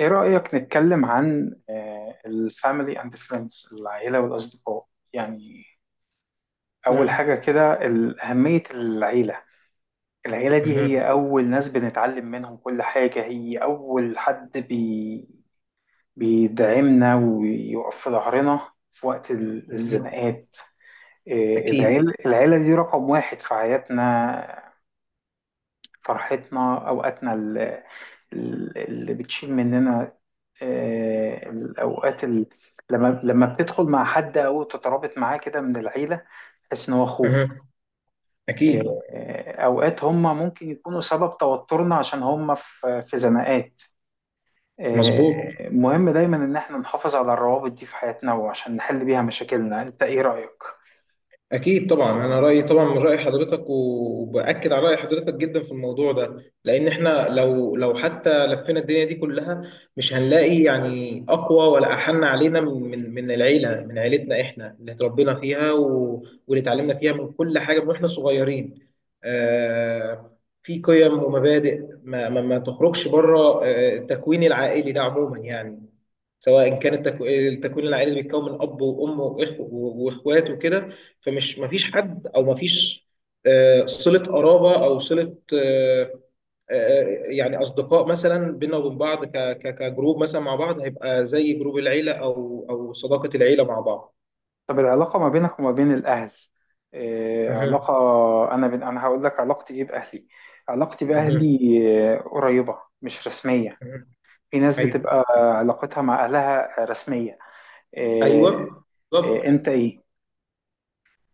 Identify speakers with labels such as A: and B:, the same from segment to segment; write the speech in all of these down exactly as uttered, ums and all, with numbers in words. A: ايه رأيك نتكلم عن الفاميلي اند فريندز، العيلة والأصدقاء؟ يعني أول
B: مم.
A: حاجة كده ال- أهمية العيلة العيلة دي
B: مم.
A: هي أول ناس بنتعلم منهم كل حاجة، هي أول حد بي بيدعمنا ويقف في ظهرنا في وقت ال-
B: أكيد
A: الزنقات. إيه،
B: أكيد.
A: العيلة العيلة دي رقم واحد في حياتنا، فرحتنا، أوقاتنا ال- ال- اللي بتشيل مننا. آه، الأوقات ال- لما لما بتدخل مع حد أو تترابط معاه كده من العيلة، تحس إن هو أخوك.
B: مم. أكيد.
A: آه، آه، أوقات هم ممكن يكونوا سبب توترنا عشان هم في في زناقات. آه،
B: مظبوط.
A: مهم دايما إن إحنا نحافظ على الروابط دي في حياتنا وعشان نحل بيها مشاكلنا. أنت إيه رأيك؟
B: أكيد طبعا، أنا رأيي طبعا من رأي حضرتك، وبأكد على رأي حضرتك جدا في الموضوع ده، لأن إحنا لو لو حتى لفينا الدنيا دي كلها مش هنلاقي يعني أقوى ولا أحن علينا من من من العيلة، من عيلتنا إحنا اللي اتربينا فيها و- واللي اتعلمنا فيها من كل حاجة من وإحنا صغيرين. آه، في قيم ومبادئ ما ما, ما تخرجش بره، آه، التكوين العائلي ده عموما يعني، سواء كان التكو- التكوين العائلي اللي بيتكون من أب وأم وإخ وإخوات وكده، فمش مفيش حد او مفيش آه، صلة قرابة او صلة، آه، آه، يعني اصدقاء مثلا بينا وبين بعض ك- ك- كجروب مثلا مع بعض، هيبقى زي جروب العيلة او او صداقة العيلة مع بعض.
A: طب العلاقة ما بينك وما بين الأهل، إيه
B: مهم.
A: علاقة؟ أنا بين أنا هقول لك علاقتي إيه بأهلي. علاقتي
B: مهم.
A: بأهلي آه، قريبة، مش رسمية.
B: مهم.
A: في ناس
B: ايوه.
A: بتبقى علاقتها مع أهلها رسمية. إيه،
B: ايوه.
A: إيه،
B: بالظبط.
A: أنت إيه؟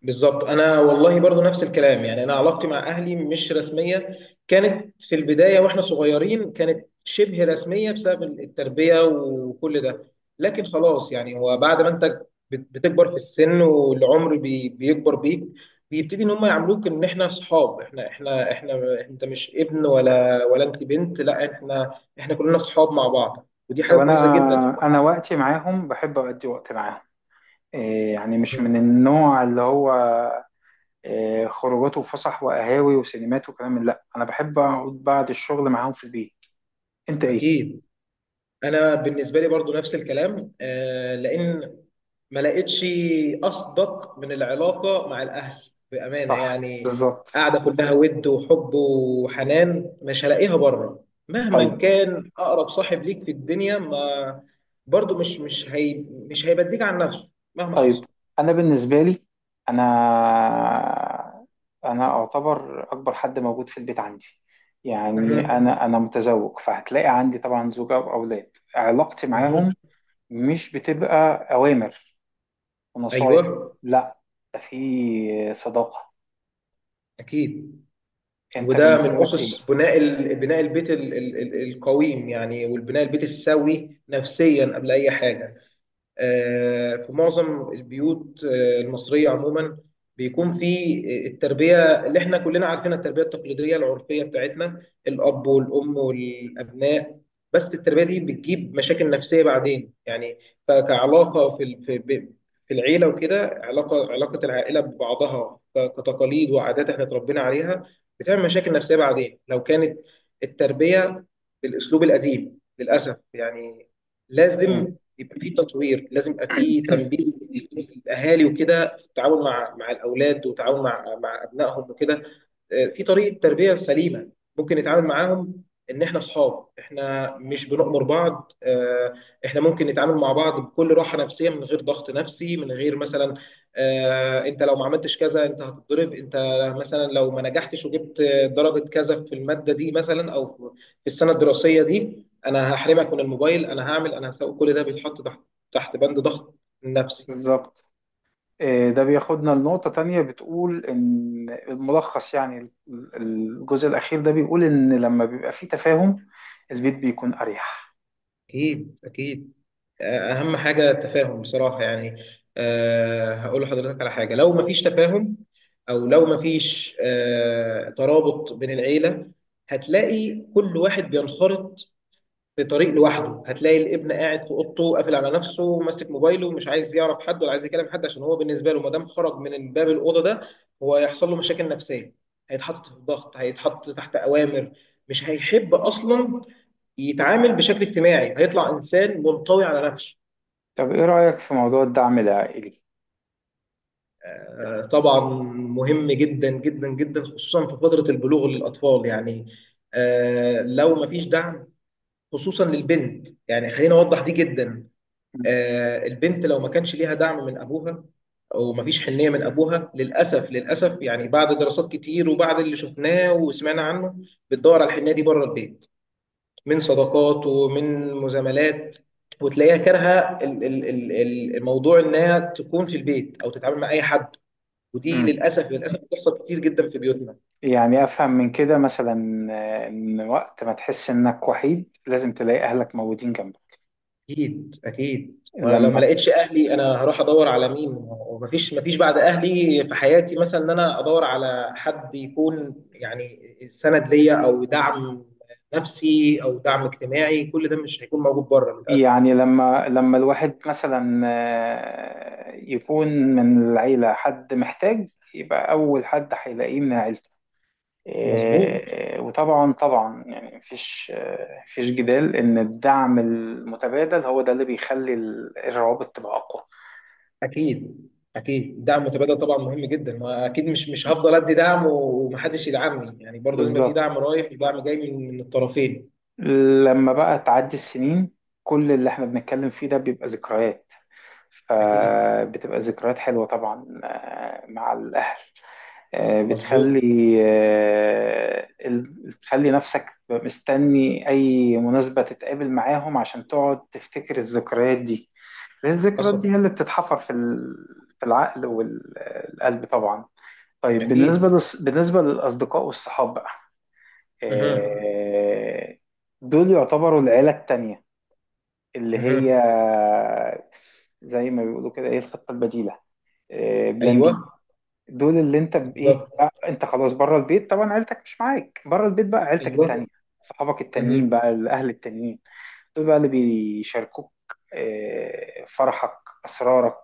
B: بالظبط، انا والله برضو نفس الكلام يعني، انا علاقتي مع اهلي مش رسميه. كانت في البدايه واحنا صغيرين كانت شبه رسميه بسبب التربيه وكل ده، لكن خلاص يعني هو بعد ما انت بت- بتكبر في السن والعمر بي بيكبر بيك، بيبتدي ان هم يعاملوك ان احنا اصحاب، احنا احنا احنا انت مش ابن ولا ولا انت بنت، لا، احنا احنا كلنا اصحاب مع بعض، ودي
A: طب
B: حاجه كويسه جدا.
A: أنا أنا وقتي معاهم بحب أقضي وقت معاهم. إيه، يعني مش من النوع اللي هو إيه، خروجات وفسح وقهاوي وسينمات وكلام من- لا، أنا بحب أقعد بعد الشغل معاهم في البيت. أنت إيه؟
B: اكيد. انا بالنسبه لي برضو نفس الكلام، آه، لان ما لقيتش اصدق من العلاقه مع الاهل بامانه
A: صح،
B: يعني،
A: بالظبط.
B: قاعده كلها ود وحب وحنان، مش هلاقيها بره.
A: طيب،
B: مهما كان اقرب صاحب ليك في الدنيا، ما برضو مش مش هي مش هيبديك عن نفسه مهما
A: طيب.
B: حصل.
A: انا بالنسبه لي، انا انا اعتبر اكبر حد موجود في البيت عندي. يعني
B: مهم.
A: انا انا متزوج، فهتلاقي عندي طبعا زوجه واولاد. علاقتي
B: مهم.
A: معاهم مش بتبقى اوامر ونصايح،
B: ايوه.
A: لا، ده في صداقه.
B: اكيد.
A: انت
B: وده
A: بالنسبه
B: من
A: لك
B: اسس
A: ايه؟
B: بناء ال- بناء البيت ال- ال- ال- القويم يعني، والبناء البيت السوي نفسيا قبل اي حاجه. آه، في معظم البيوت آه، المصرية عموما بيكون في التربية اللي احنا كلنا عارفينها، التربية التقليدية العرفية بتاعتنا، الأب والأم والأبناء. بس التربية دي بتجيب مشاكل نفسية بعدين يعني، ف- كعلاقة في ال- في ب- في العيلة وكده، علاقة علاقة العائلة ببعضها ك- كتقاليد وعادات احنا اتربينا عليها، بتعمل مشاكل نفسية بعدين لو كانت التربية بالأسلوب القديم للأسف يعني.
A: مم.
B: لازم يبقى في تطوير، لازم يبقى في تنبيه للاهالي وكده، في التعاون مع مع الاولاد، وتعاون مع مع ابنائهم وكده. آه، في طريقه تربيه سليمه ممكن نتعامل معاهم، ان احنا اصحاب، احنا مش بنؤمر بعض. آه، احنا ممكن نتعامل مع بعض بكل راحه نفسيه من غير ضغط نفسي، من غير مثلا آه، انت لو ما عملتش كذا انت هتتضرب، انت مثلا لو ما نجحتش وجبت درجه كذا في الماده دي مثلا او في السنه الدراسيه دي انا هحرمك من الموبايل، انا هعمل انا هسوي. كل ده بيتحط تحت، تحت بند ضغط نفسي.
A: بالظبط. آه، ده بياخدنا لنقطة تانية، بتقول إن الملخص يعني ال- الجزء الأخير ده بيقول إن لما بيبقى فيه تفاهم البيت بيكون أريح.
B: أكيد أكيد. أهم حاجة التفاهم بصراحة يعني. أه هقول لحضرتك على حاجة، لو مفيش تفاهم أو لو مفيش أه ترابط بين العيلة، هتلاقي كل واحد بينخرط في طريق لوحده، هتلاقي الابن قاعد في أوضته قافل على نفسه ماسك موبايله، مش عايز يعرف حد ولا عايز يكلم حد، عشان هو بالنسبة له ما دام خرج من باب الأوضة ده، هو هيحصل له مشاكل نفسية، هيتحط في ضغط، هيتحط تحت أوامر، مش هيحب أصلا يتعامل بشكل اجتماعي، هيطلع انسان منطوي على نفسه.
A: طب إيه رأيك في موضوع الدعم العائلي؟
B: آه، طبعا، مهم جدا جدا جدا، خصوصا في فتره البلوغ للاطفال يعني. آه، لو ما فيش دعم، خصوصا للبنت يعني، خلينا اوضح دي جدا.
A: مم.
B: آه، البنت لو ما كانش ليها دعم من ابوها، ومفيش حنيه من ابوها، للاسف للاسف يعني بعد دراسات كتير وبعد اللي شفناه وسمعنا عنه، بتدور على الحنيه دي بره البيت، من صداقات ومن مزاملات، وتلاقيها كارهه ال- ال- ال- ال- الموضوع انها تكون في البيت او تتعامل مع اي حد، ودي
A: مم.
B: للاسف للاسف بتحصل كتير جدا في بيوتنا.
A: يعني أفهم من كده مثلا، آه، إن وقت ما تحس إنك وحيد لازم تلاقي أهلك موجودين جنبك.
B: اكيد اكيد، وانا لو ما
A: لما
B: لقيتش اهلي انا هروح ادور على مين؟ ومفيش، مفيش بعد اهلي في حياتي مثلا ان انا ادور على حد يكون يعني سند ليا، او دعم نفسي او دعم اجتماعي، كل ده مش هيكون موجود بره للاسف.
A: يعني لما لما الواحد مثلا، آه، يكون من العيلة حد محتاج، يبقى أول حد هيلاقيه من عيلته.
B: مظبوط.
A: إيه، وطبعا طبعا يعني مفيش، آه، مفيش جدال ان الدعم المتبادل هو ده اللي بيخلي ال- الروابط تبقى اقوى.
B: اكيد. اكيد دعم متبادل طبعا مهم جدا، ما اكيد مش مش هفضل ادي دعم ومحدش يدعمني يعني، برضه لازم يبقى في
A: بالظبط.
B: دعم رايح ودعم جاي من من الطرفين.
A: لما بقى تعدي السنين، كل اللي احنا بنتكلم فيه ده بيبقى ذكريات،
B: اكيد.
A: فبتبقى ذكريات حلوة طبعا آه، مع الأهل. آه،
B: مظبوط.
A: بتخلي آه، ال- بتخلي نفسك مستني أي مناسبة تتقابل معاهم عشان تقعد تفتكر الذكريات دي، لأن الذكريات دي
B: حصل.
A: هي اللي بتتحفر في ال- في العقل والقلب طبعا. طيب، بالنسبة
B: اكيد.
A: للص- بالنسبة للأصدقاء والصحاب بقى،
B: اها.
A: آه، دول يعتبروا العيلة التانية، اللي
B: اها.
A: هي زي ما بيقولوا كده، ايه، الخطة البديلة، آه، بلان
B: ايوه.
A: بي. دول اللي انت بايه
B: بالظبط.
A: بقى، انت خلاص بره البيت طبعا، عيلتك مش معاك، بره البيت بقى عيلتك التانية،
B: ايوه.
A: صحابك
B: اها.
A: التانيين بقى الاهل التانيين، دول بقى اللي بيشاركوك آه، فرحك، اسرارك،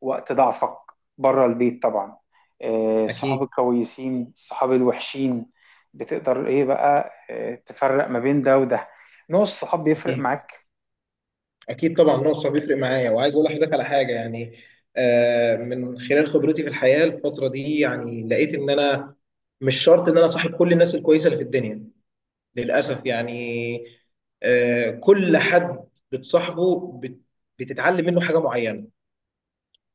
A: وقت ضعفك، بره البيت طبعا. آه، الصحاب
B: اكيد.
A: الكويسين، الصحاب الوحشين، بتقدر ايه بقى، آه، تفرق ما بين ده وده؟ نوع الصحاب بيفرق
B: اكيد
A: معاك.
B: اكيد طبعا، نقص بيفرق معايا، وعايز اقول لحضرتك على حاجه يعني. آه من خلال خبرتي في الحياه الفتره دي يعني، لقيت ان انا مش شرط ان انا صاحب كل الناس الكويسه اللي في الدنيا للأسف يعني. آه، كل حد بتصاحبه بت- بتتعلم منه حاجة معينة.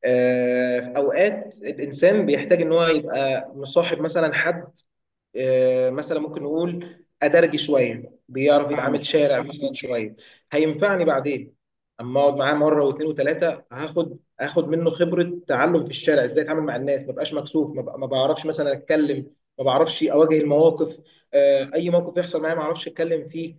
B: آه، في أوقات الإنسان بيحتاج إن هو يبقى مصاحب مثلا حد آه، مثلا ممكن نقول أدرجي شوية، بيعرف يتعامل
A: فاهمك.
B: شارع مثلا شوية، هينفعني بعدين. أما أقعد معاه مرة واثنين وثلاثة، هاخد هاخد منه خبرة، تعلم في الشارع إزاي أتعامل مع الناس، ما بقاش مكسوف، ما بق- ما بعرفش مثلا أتكلم، ما بعرفش أواجه المواقف. آه، أي موقف يحصل معايا ما أعرفش أتكلم فيه.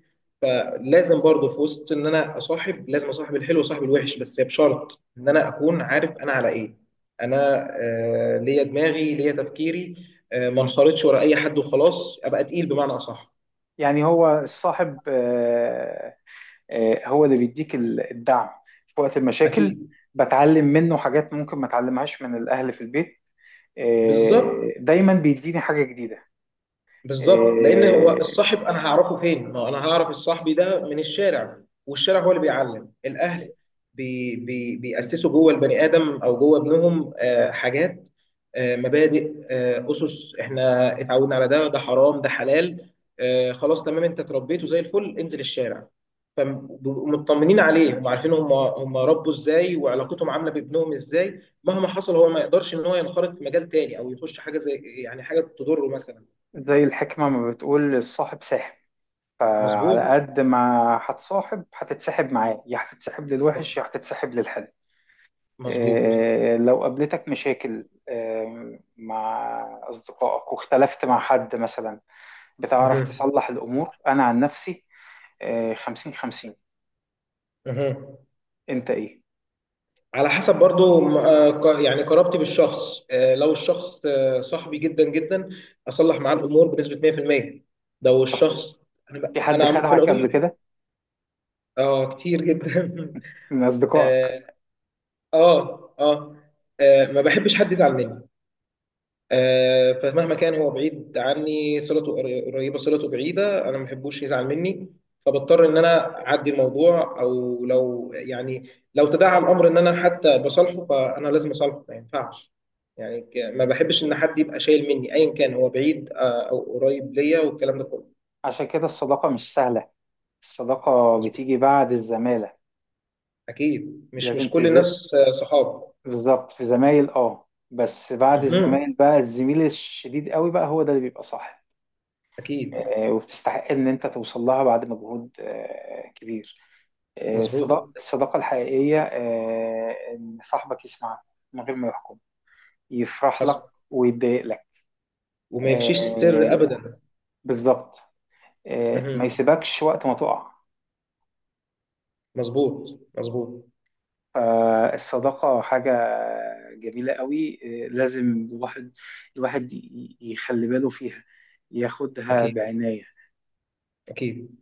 B: لازم برضه في وسط ان انا اصاحب، لازم اصاحب الحلو وصاحب الوحش، بس بشرط ان انا اكون عارف انا على ايه. انا آه، ليا دماغي، ليا تفكيري. آه، ما انخرطش ورا اي حد وخلاص، ابقى تقيل بمعنى اصح.
A: يعني هو الصاحب، آه، آه، هو اللي بيديك ال- الدعم في وقت المشاكل،
B: اكيد.
A: بتعلم منه حاجات ممكن ما اتعلمهاش من الاهل في البيت،
B: بالظبط.
A: آه، دايما بيديني حاجة جديدة.
B: بالظبط، لان هو الصاحب
A: آه،
B: انا هعرفه فين؟ ما هو انا هعرف الصاحبي ده من الشارع. والشارع هو اللي بيعلم. الاهل بي بي بيأسسوا جوه البني ادم او جوه ابنهم آه، حاجات، آه، مبادئ، آه، اسس احنا اتعودنا على ده، ده حرام ده حلال. آه، خلاص تمام، انت اتربيته زي الفل، انزل الشارع. فمطمنين عليه، هم عارفين هم هم ربوا ازاي، وعلاقتهم عامله بابنهم ازاي، مهما حصل هو ما يقدرش ان هو ينخرط في مجال تاني او يخش حاجه زي يعني حاجه تضره مثلا.
A: زي الحكمة ما بتقول، الصاحب ساحب، فعلى
B: مظبوط
A: قد ما هتصاحب هتتسحب معاه، يا هتتسحب للوحش يا هتتسحب للحلو.
B: مظبوط.
A: آه، لو قابلتك مشاكل آه، مع أصدقائك واختلفت مع حد مثلا، بتعرف
B: مهم.
A: تصلح الأمور؟ أنا عن نفسي، آه، خمسين خمسين.
B: مهم.
A: انت ايه؟
B: على حسب برضو، م- آه، ق- يعني قرابتي بالشخص. آه، لو الشخص آه، صاحبي جدا جدا، اصلح معاه الامور بنسبه مية في المية. لو
A: طب
B: الشخص، انا ب-
A: في حد
B: أنا عم- في
A: خدعك
B: العموم.
A: قبل كده
B: اه كتير جدا.
A: من اصدقائك؟
B: اه. اه اه. آه، ما بحبش حد يزعل مني. آه، فمهما كان هو بعيد عني، صلته قر- قريبه صلته بعيده، انا ما بحبوش يزعل مني. فبضطر ان انا اعدي الموضوع، او لو يعني لو تداعى الامر ان انا حتى بصالحه فانا لازم اصالحه، ما ينفعش يعني، ك- ما بحبش ان حد يبقى شايل مني، ايا كان هو بعيد آه، او قريب ليا والكلام ده كله.
A: عشان كده الصداقة مش سهلة، الصداقة
B: مظبوط.
A: بتيجي بعد الزمالة.
B: اكيد، مش
A: لازم
B: مش كل
A: تز
B: الناس آه، صحاب.
A: بالظبط، في زمايل، اه بس بعد
B: مهم.
A: الزمايل بقى الزميل الشديد قوي بقى هو ده اللي بيبقى صح،
B: اكيد.
A: آه، وبتستحق ان انت توصل لها بعد مجهود آه، كبير. آه، الصدا-
B: مظبوط.
A: الصداقة الحقيقية، آه، إن صاحبك يسمعك من غير ما يحكم، يفرح
B: حصل.
A: لك ويتضايق لك.
B: وما يفشيش سر
A: آه،
B: ابدا.
A: بالظبط. آه، ما
B: مهم.
A: يسيبكش وقت ما تقع.
B: مظبوط مظبوط.
A: فالصداقة حاجة جميلة قوي، آه، لازم الواحد، الواحد ي- يخلي باله فيها، ياخدها
B: اكيد.
A: بعناية.
B: اكيد.